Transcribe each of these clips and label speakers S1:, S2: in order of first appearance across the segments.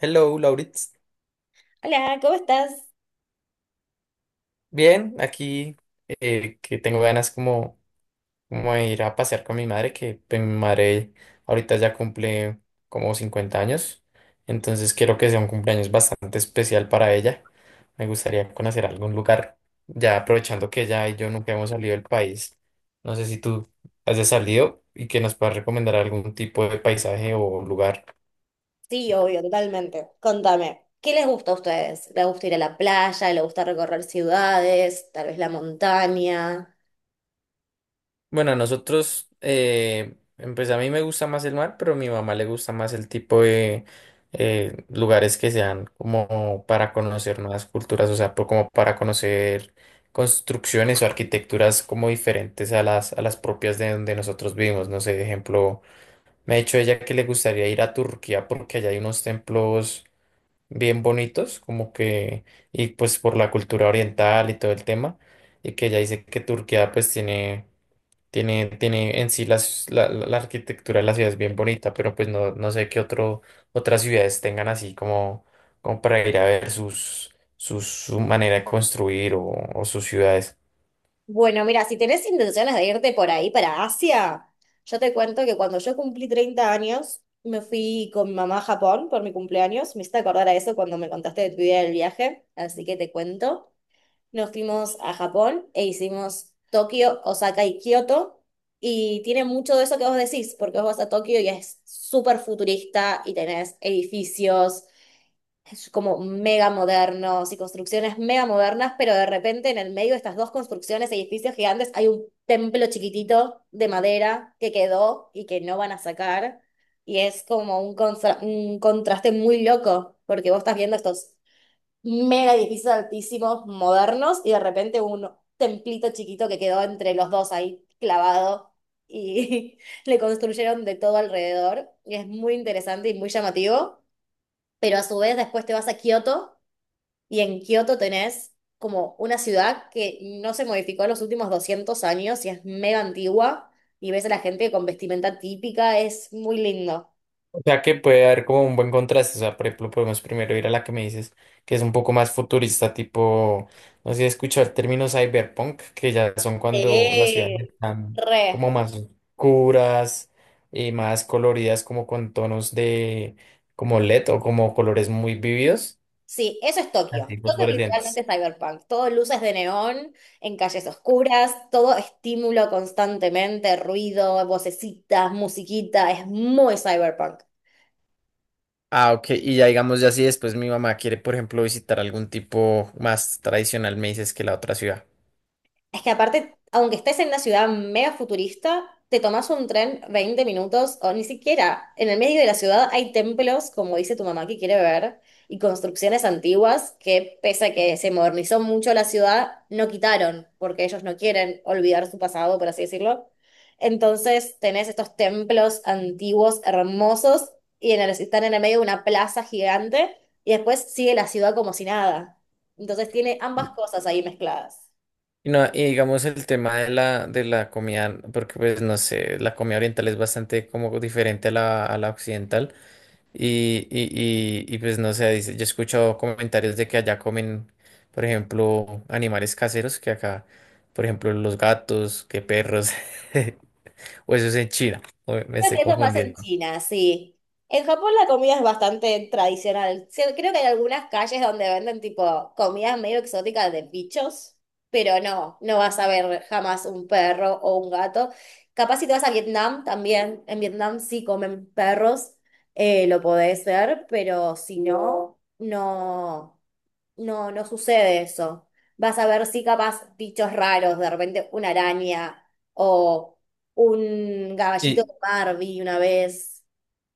S1: Hello, Lauritz.
S2: Hola, ¿cómo estás?
S1: Bien, aquí que tengo ganas como, como de ir a pasear con mi madre, que pues, mi madre ahorita ya cumple como 50 años, entonces quiero que sea un cumpleaños bastante especial para ella. Me gustaría conocer algún lugar, ya aprovechando que ella y yo nunca hemos salido del país. No sé si tú has salido y que nos puedas recomendar algún tipo de paisaje o lugar.
S2: Sí, obvio, totalmente. Contame, ¿qué les gusta a ustedes? ¿Les gusta ir a la playa? ¿Les gusta recorrer ciudades? ¿Tal vez la montaña?
S1: Bueno, a nosotros, pues a mí me gusta más el mar, pero a mi mamá le gusta más el tipo de lugares que sean como para conocer nuevas culturas, o sea, como para conocer construcciones o arquitecturas como diferentes a las propias de donde nosotros vivimos. No sé, de ejemplo, me ha dicho ella que le gustaría ir a Turquía porque allá hay unos templos bien bonitos, como que, y pues por la cultura oriental y todo el tema, y que ella dice que Turquía pues tiene en sí la arquitectura de la ciudad es bien bonita, pero pues no, no sé qué otro, otras ciudades tengan así como, como para ir a ver su manera de construir o sus ciudades.
S2: Bueno, mira, si tenés intenciones de irte por ahí para Asia, yo te cuento que cuando yo cumplí 30 años, me fui con mi mamá a Japón por mi cumpleaños. Me hiciste acordar a eso cuando me contaste de tu idea del viaje, así que te cuento. Nos fuimos a Japón e hicimos Tokio, Osaka y Kioto. Y tiene mucho de eso que vos decís, porque vos vas a Tokio y es súper futurista y tenés edificios es como mega modernos y construcciones mega modernas, pero de repente en el medio de estas dos construcciones, edificios gigantes, hay un templo chiquitito de madera que quedó y que no van a sacar. Y es como un contraste muy loco, porque vos estás viendo estos mega edificios altísimos, modernos, y de repente un templito chiquito que quedó entre los dos ahí clavado y le construyeron de todo alrededor. Y es muy interesante y muy llamativo, pero a su vez después te vas a Kioto y en Kioto tenés como una ciudad que no se modificó en los últimos 200 años y es mega antigua y ves a la gente con vestimenta típica, es muy lindo.
S1: O sea que puede haber como un buen contraste. O sea, por ejemplo, podemos primero ir a la que me dices que es un poco más futurista, tipo, no sé si he escuchado el término cyberpunk, que ya son cuando las ciudades
S2: Sí,
S1: están como
S2: re.
S1: más oscuras y más coloridas, como con tonos de como LED o como colores muy vividos,
S2: Sí, eso es Tokio.
S1: así
S2: Tokio es
S1: fosforescentes.
S2: literalmente cyberpunk. Todo luces de neón, en calles oscuras, todo estímulo constantemente, ruido, vocecitas, musiquita. Es muy cyberpunk.
S1: Ah, ok. Y ya digamos, ya si después mi mamá quiere, por ejemplo, visitar algún tipo más tradicional, me dices que la otra ciudad.
S2: Es que aparte, aunque estés en una ciudad mega futurista, te tomas un tren 20 minutos o ni siquiera. En el medio de la ciudad hay templos, como dice tu mamá que quiere ver, y construcciones antiguas que, pese a que se modernizó mucho la ciudad, no quitaron, porque ellos no quieren olvidar su pasado, por así decirlo. Entonces tenés estos templos antiguos, hermosos, están en el medio de una plaza gigante, y después sigue la ciudad como si nada. Entonces tiene ambas cosas ahí mezcladas.
S1: Y no, y digamos el tema de la comida, porque pues no sé, la comida oriental es bastante como diferente a la occidental y, y, pues no sé, dice, yo he escuchado comentarios de que allá comen, por ejemplo, animales caseros que acá, por ejemplo, los gatos, que perros, o eso es en China, o me
S2: Creo
S1: estoy
S2: que eso es más en
S1: confundiendo.
S2: China, sí. En Japón la comida es bastante tradicional. Sí, creo que hay algunas calles donde venden tipo comidas medio exóticas de bichos, pero no, no vas a ver jamás un perro o un gato. Capaz si te vas a Vietnam también, en Vietnam sí comen perros, lo podés ver, pero si no, no. No, no sucede eso. Vas a ver sí capaz bichos raros, de repente una araña o un caballito
S1: Y,
S2: de Barbie una vez.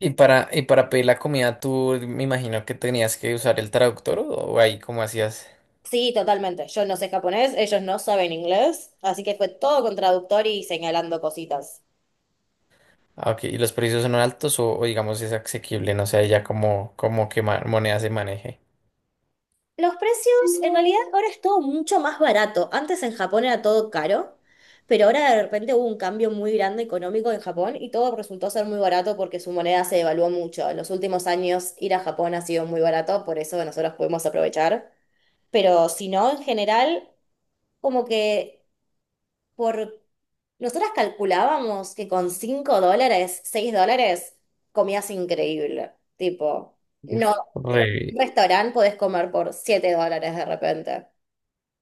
S1: y para pedir la comida tú me imagino que tenías que usar el traductor o ahí cómo hacías.
S2: Sí, totalmente. Yo no sé japonés, ellos no saben inglés, así que fue todo con traductor y señalando cositas.
S1: Ah, ok. ¿Y los precios son altos o digamos es asequible? No sé, ya como, como que moneda se maneje.
S2: Los precios, en realidad, ahora es todo mucho más barato. Antes en Japón era todo caro, pero ahora de repente hubo un cambio muy grande económico en Japón y todo resultó ser muy barato porque su moneda se devaluó mucho. En los últimos años ir a Japón ha sido muy barato, por eso nosotros podemos aprovechar. Pero si no, en general, como que por... Nosotras calculábamos que con $5, $6, comías increíble. Tipo,
S1: Uf,
S2: no, un
S1: re,
S2: restaurante podés comer por $7 de repente.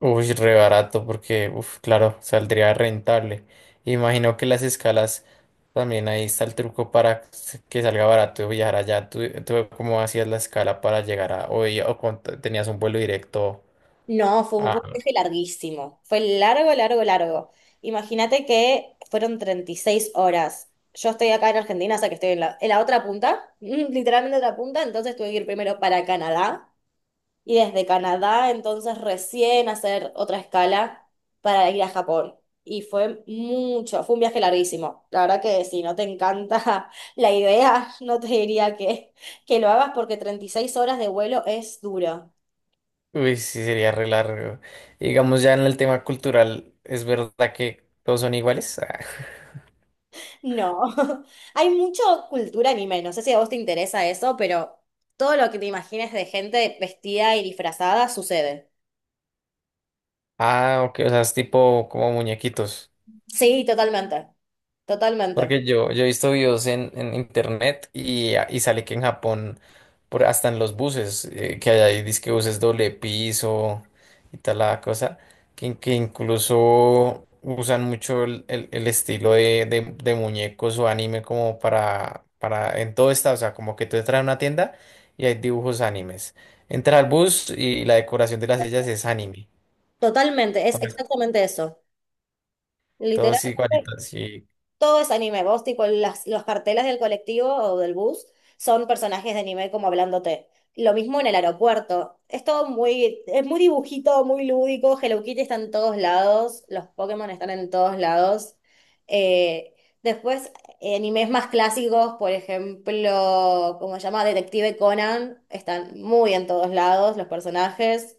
S1: uy, re barato porque, uf, claro, saldría rentable. Imagino que las escalas también ahí está el truco para que salga barato viajar allá. ¿Tú cómo hacías la escala para llegar a hoy o tenías un vuelo directo
S2: No, fue un
S1: a...
S2: fue un viaje larguísimo. Fue largo, largo, largo. Imagínate que fueron 36 horas. Yo estoy acá en Argentina, o sea que estoy en la otra punta, literalmente otra punta, entonces tuve que ir primero para Canadá y desde Canadá entonces recién hacer otra escala para ir a Japón. Y fue mucho, fue un viaje larguísimo. La verdad que si no te encanta la idea, no te diría que lo hagas porque 36 horas de vuelo es duro.
S1: Uy, sí, sería re largo. Digamos ya en el tema cultural, ¿es verdad que todos son iguales?
S2: No, hay mucha cultura anime, no sé si a vos te interesa eso, pero todo lo que te imagines de gente vestida y disfrazada sucede.
S1: Ah, ok, o sea, es tipo como muñequitos.
S2: Sí, totalmente, totalmente,
S1: Porque yo he visto videos en internet y, ah, y sale que en Japón, por, hasta en los buses, que hay ahí, dizque buses doble piso y tal la cosa, que incluso usan mucho el estilo de, de muñecos o anime como para, en todo está, o sea, como que tú entras a una tienda y hay dibujos animes. Entra al bus y la decoración de las sillas es anime.
S2: totalmente, es
S1: Todo-
S2: exactamente eso.
S1: Todos
S2: Literalmente
S1: igualitos.
S2: todo es anime. Vos, tipo, las, los carteles del colectivo o del bus son personajes de anime como hablándote. Lo mismo en el aeropuerto. Es todo muy, es muy dibujito, muy lúdico. Hello Kitty está en todos lados. Los Pokémon están en todos lados. Eh, después, animes más clásicos, por ejemplo, como se llama Detective Conan, están muy en todos lados los personajes.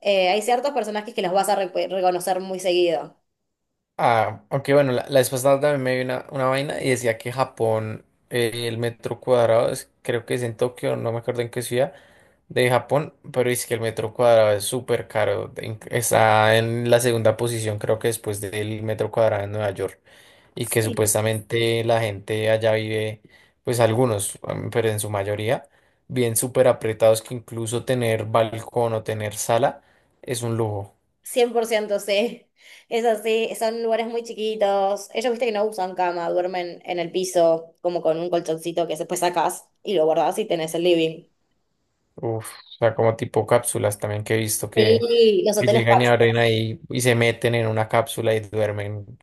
S2: Hay ciertos personajes que los vas a re- reconocer muy seguido.
S1: Ah, aunque bueno, la vez pasada también me vi una vaina y decía que Japón, el metro cuadrado, creo que es en Tokio, no me acuerdo en qué ciudad de Japón, pero es que el metro cuadrado es súper caro, está en la segunda posición creo que después del metro cuadrado en Nueva York y que
S2: Sí.
S1: supuestamente la gente allá vive, pues algunos, pero en su mayoría, bien súper apretados que incluso tener balcón o tener sala es un lujo.
S2: 100% sí, es así, son lugares muy chiquitos, ellos viste que no usan cama, duermen en el piso como con un colchoncito que después sacás y lo guardás y tenés el living.
S1: Uf, o sea, como tipo cápsulas también que he visto
S2: Sí, los
S1: que
S2: hoteles
S1: llegan y abren
S2: cápsulas.
S1: ahí y se meten en una cápsula y duermen.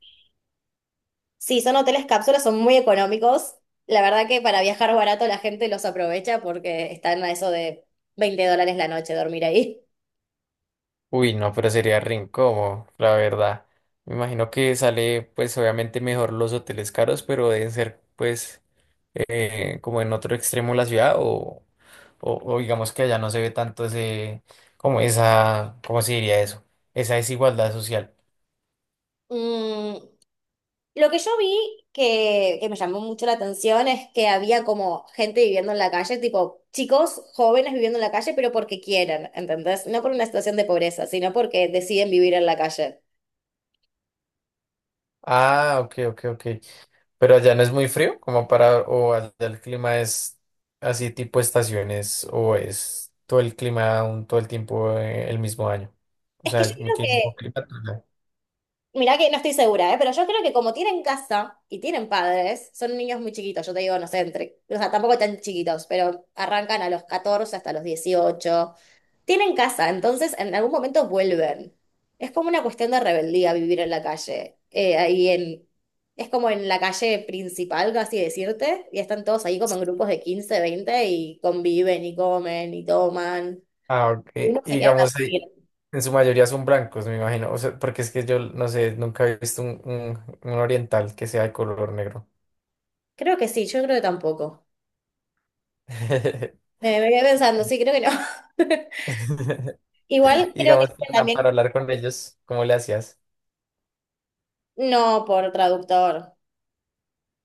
S2: Sí, son hoteles cápsulas, son muy económicos. La verdad que para viajar barato la gente los aprovecha porque están a eso de $20 la noche dormir ahí.
S1: Uy, no, pero sería re incómodo, la verdad. Me imagino que sale, pues obviamente mejor los hoteles caros, pero deben ser, pues, como en otro extremo de la ciudad o, o digamos que allá no se ve tanto ese, como esa, ¿cómo se diría eso? Esa desigualdad social.
S2: Mm, Lo que yo vi que me llamó mucho la atención es que había como gente viviendo en la calle, tipo chicos jóvenes viviendo en la calle, pero porque quieren, ¿entendés? No por una situación de pobreza, sino porque deciden vivir en la calle.
S1: Ah, ok, ok, ok. Pero allá no es muy frío, como para, o allá el clima es así tipo estaciones, o es todo el clima todo el tiempo el mismo año. O
S2: Es que
S1: sea,
S2: yo
S1: el mismo
S2: creo que,
S1: clima todo el año.
S2: mirá que no estoy segura, ¿eh? Pero yo creo que como tienen casa y tienen padres, son niños muy chiquitos, yo te digo, no sé, entre, o sea, tampoco tan chiquitos, pero arrancan a los 14 hasta los 18. Tienen casa, entonces en algún momento vuelven. Es como una cuestión de rebeldía vivir en la calle. Es como en la calle principal, casi decirte, y están todos ahí como en grupos de 15, 20 y conviven y comen y toman.
S1: Ah, ok.
S2: Y
S1: Y
S2: uno se queda a
S1: digamos, ahí,
S2: dormir.
S1: en su mayoría son blancos, me imagino. O sea, porque es que yo no sé, nunca he visto un, un oriental que sea de color negro.
S2: Creo que sí, yo creo que tampoco. Me quedé pensando, sí, creo que no. Igual creo que
S1: Digamos,
S2: también,
S1: para hablar con ellos, ¿cómo le hacías?
S2: no por traductor.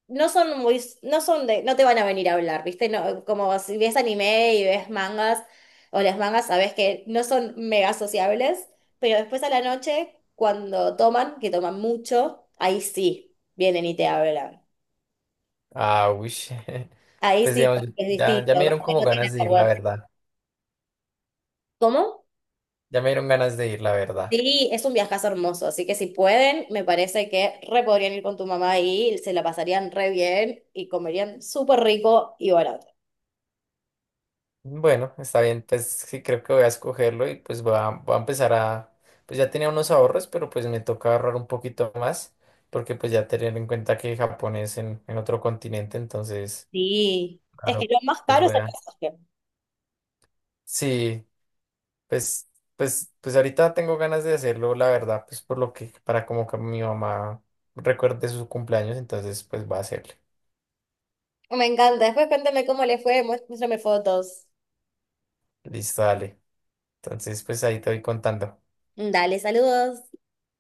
S2: No son muy, no son de, no te van a venir a hablar, ¿viste? No, como si ves anime y ves mangas, o las mangas sabes que no son mega sociables, pero después a la noche, cuando toman, que toman mucho, ahí sí vienen y te hablan.
S1: Ah, uy.
S2: Ahí
S1: Pues
S2: sí
S1: digamos,
S2: porque es
S1: ya
S2: distinto,
S1: me dieron
S2: como que
S1: como
S2: no tienen
S1: ganas de ir, la
S2: vergüenza.
S1: verdad.
S2: ¿Cómo?
S1: Ya me dieron ganas de ir, la verdad.
S2: Sí, es un viajazo hermoso, así que si pueden, me parece que re podrían ir con tu mamá y se la pasarían re bien y comerían súper rico y barato.
S1: Bueno, está bien, pues sí creo que voy a escogerlo y pues voy a empezar a... Pues ya tenía unos ahorros, pero pues me toca ahorrar un poquito más, porque pues ya tener en cuenta que Japón es en otro continente, entonces,
S2: Sí, es que
S1: claro,
S2: lo más
S1: pues
S2: caro es
S1: voy
S2: el
S1: a...
S2: pasaje.
S1: Sí, pues, pues ahorita tengo ganas de hacerlo, la verdad, pues por lo que, para como que mi mamá recuerde su cumpleaños, entonces pues va a hacerle.
S2: Me encanta. Después cuéntame cómo le fue, muéstrame fotos.
S1: Listo, dale. Entonces, pues ahí te voy contando.
S2: Dale, saludos.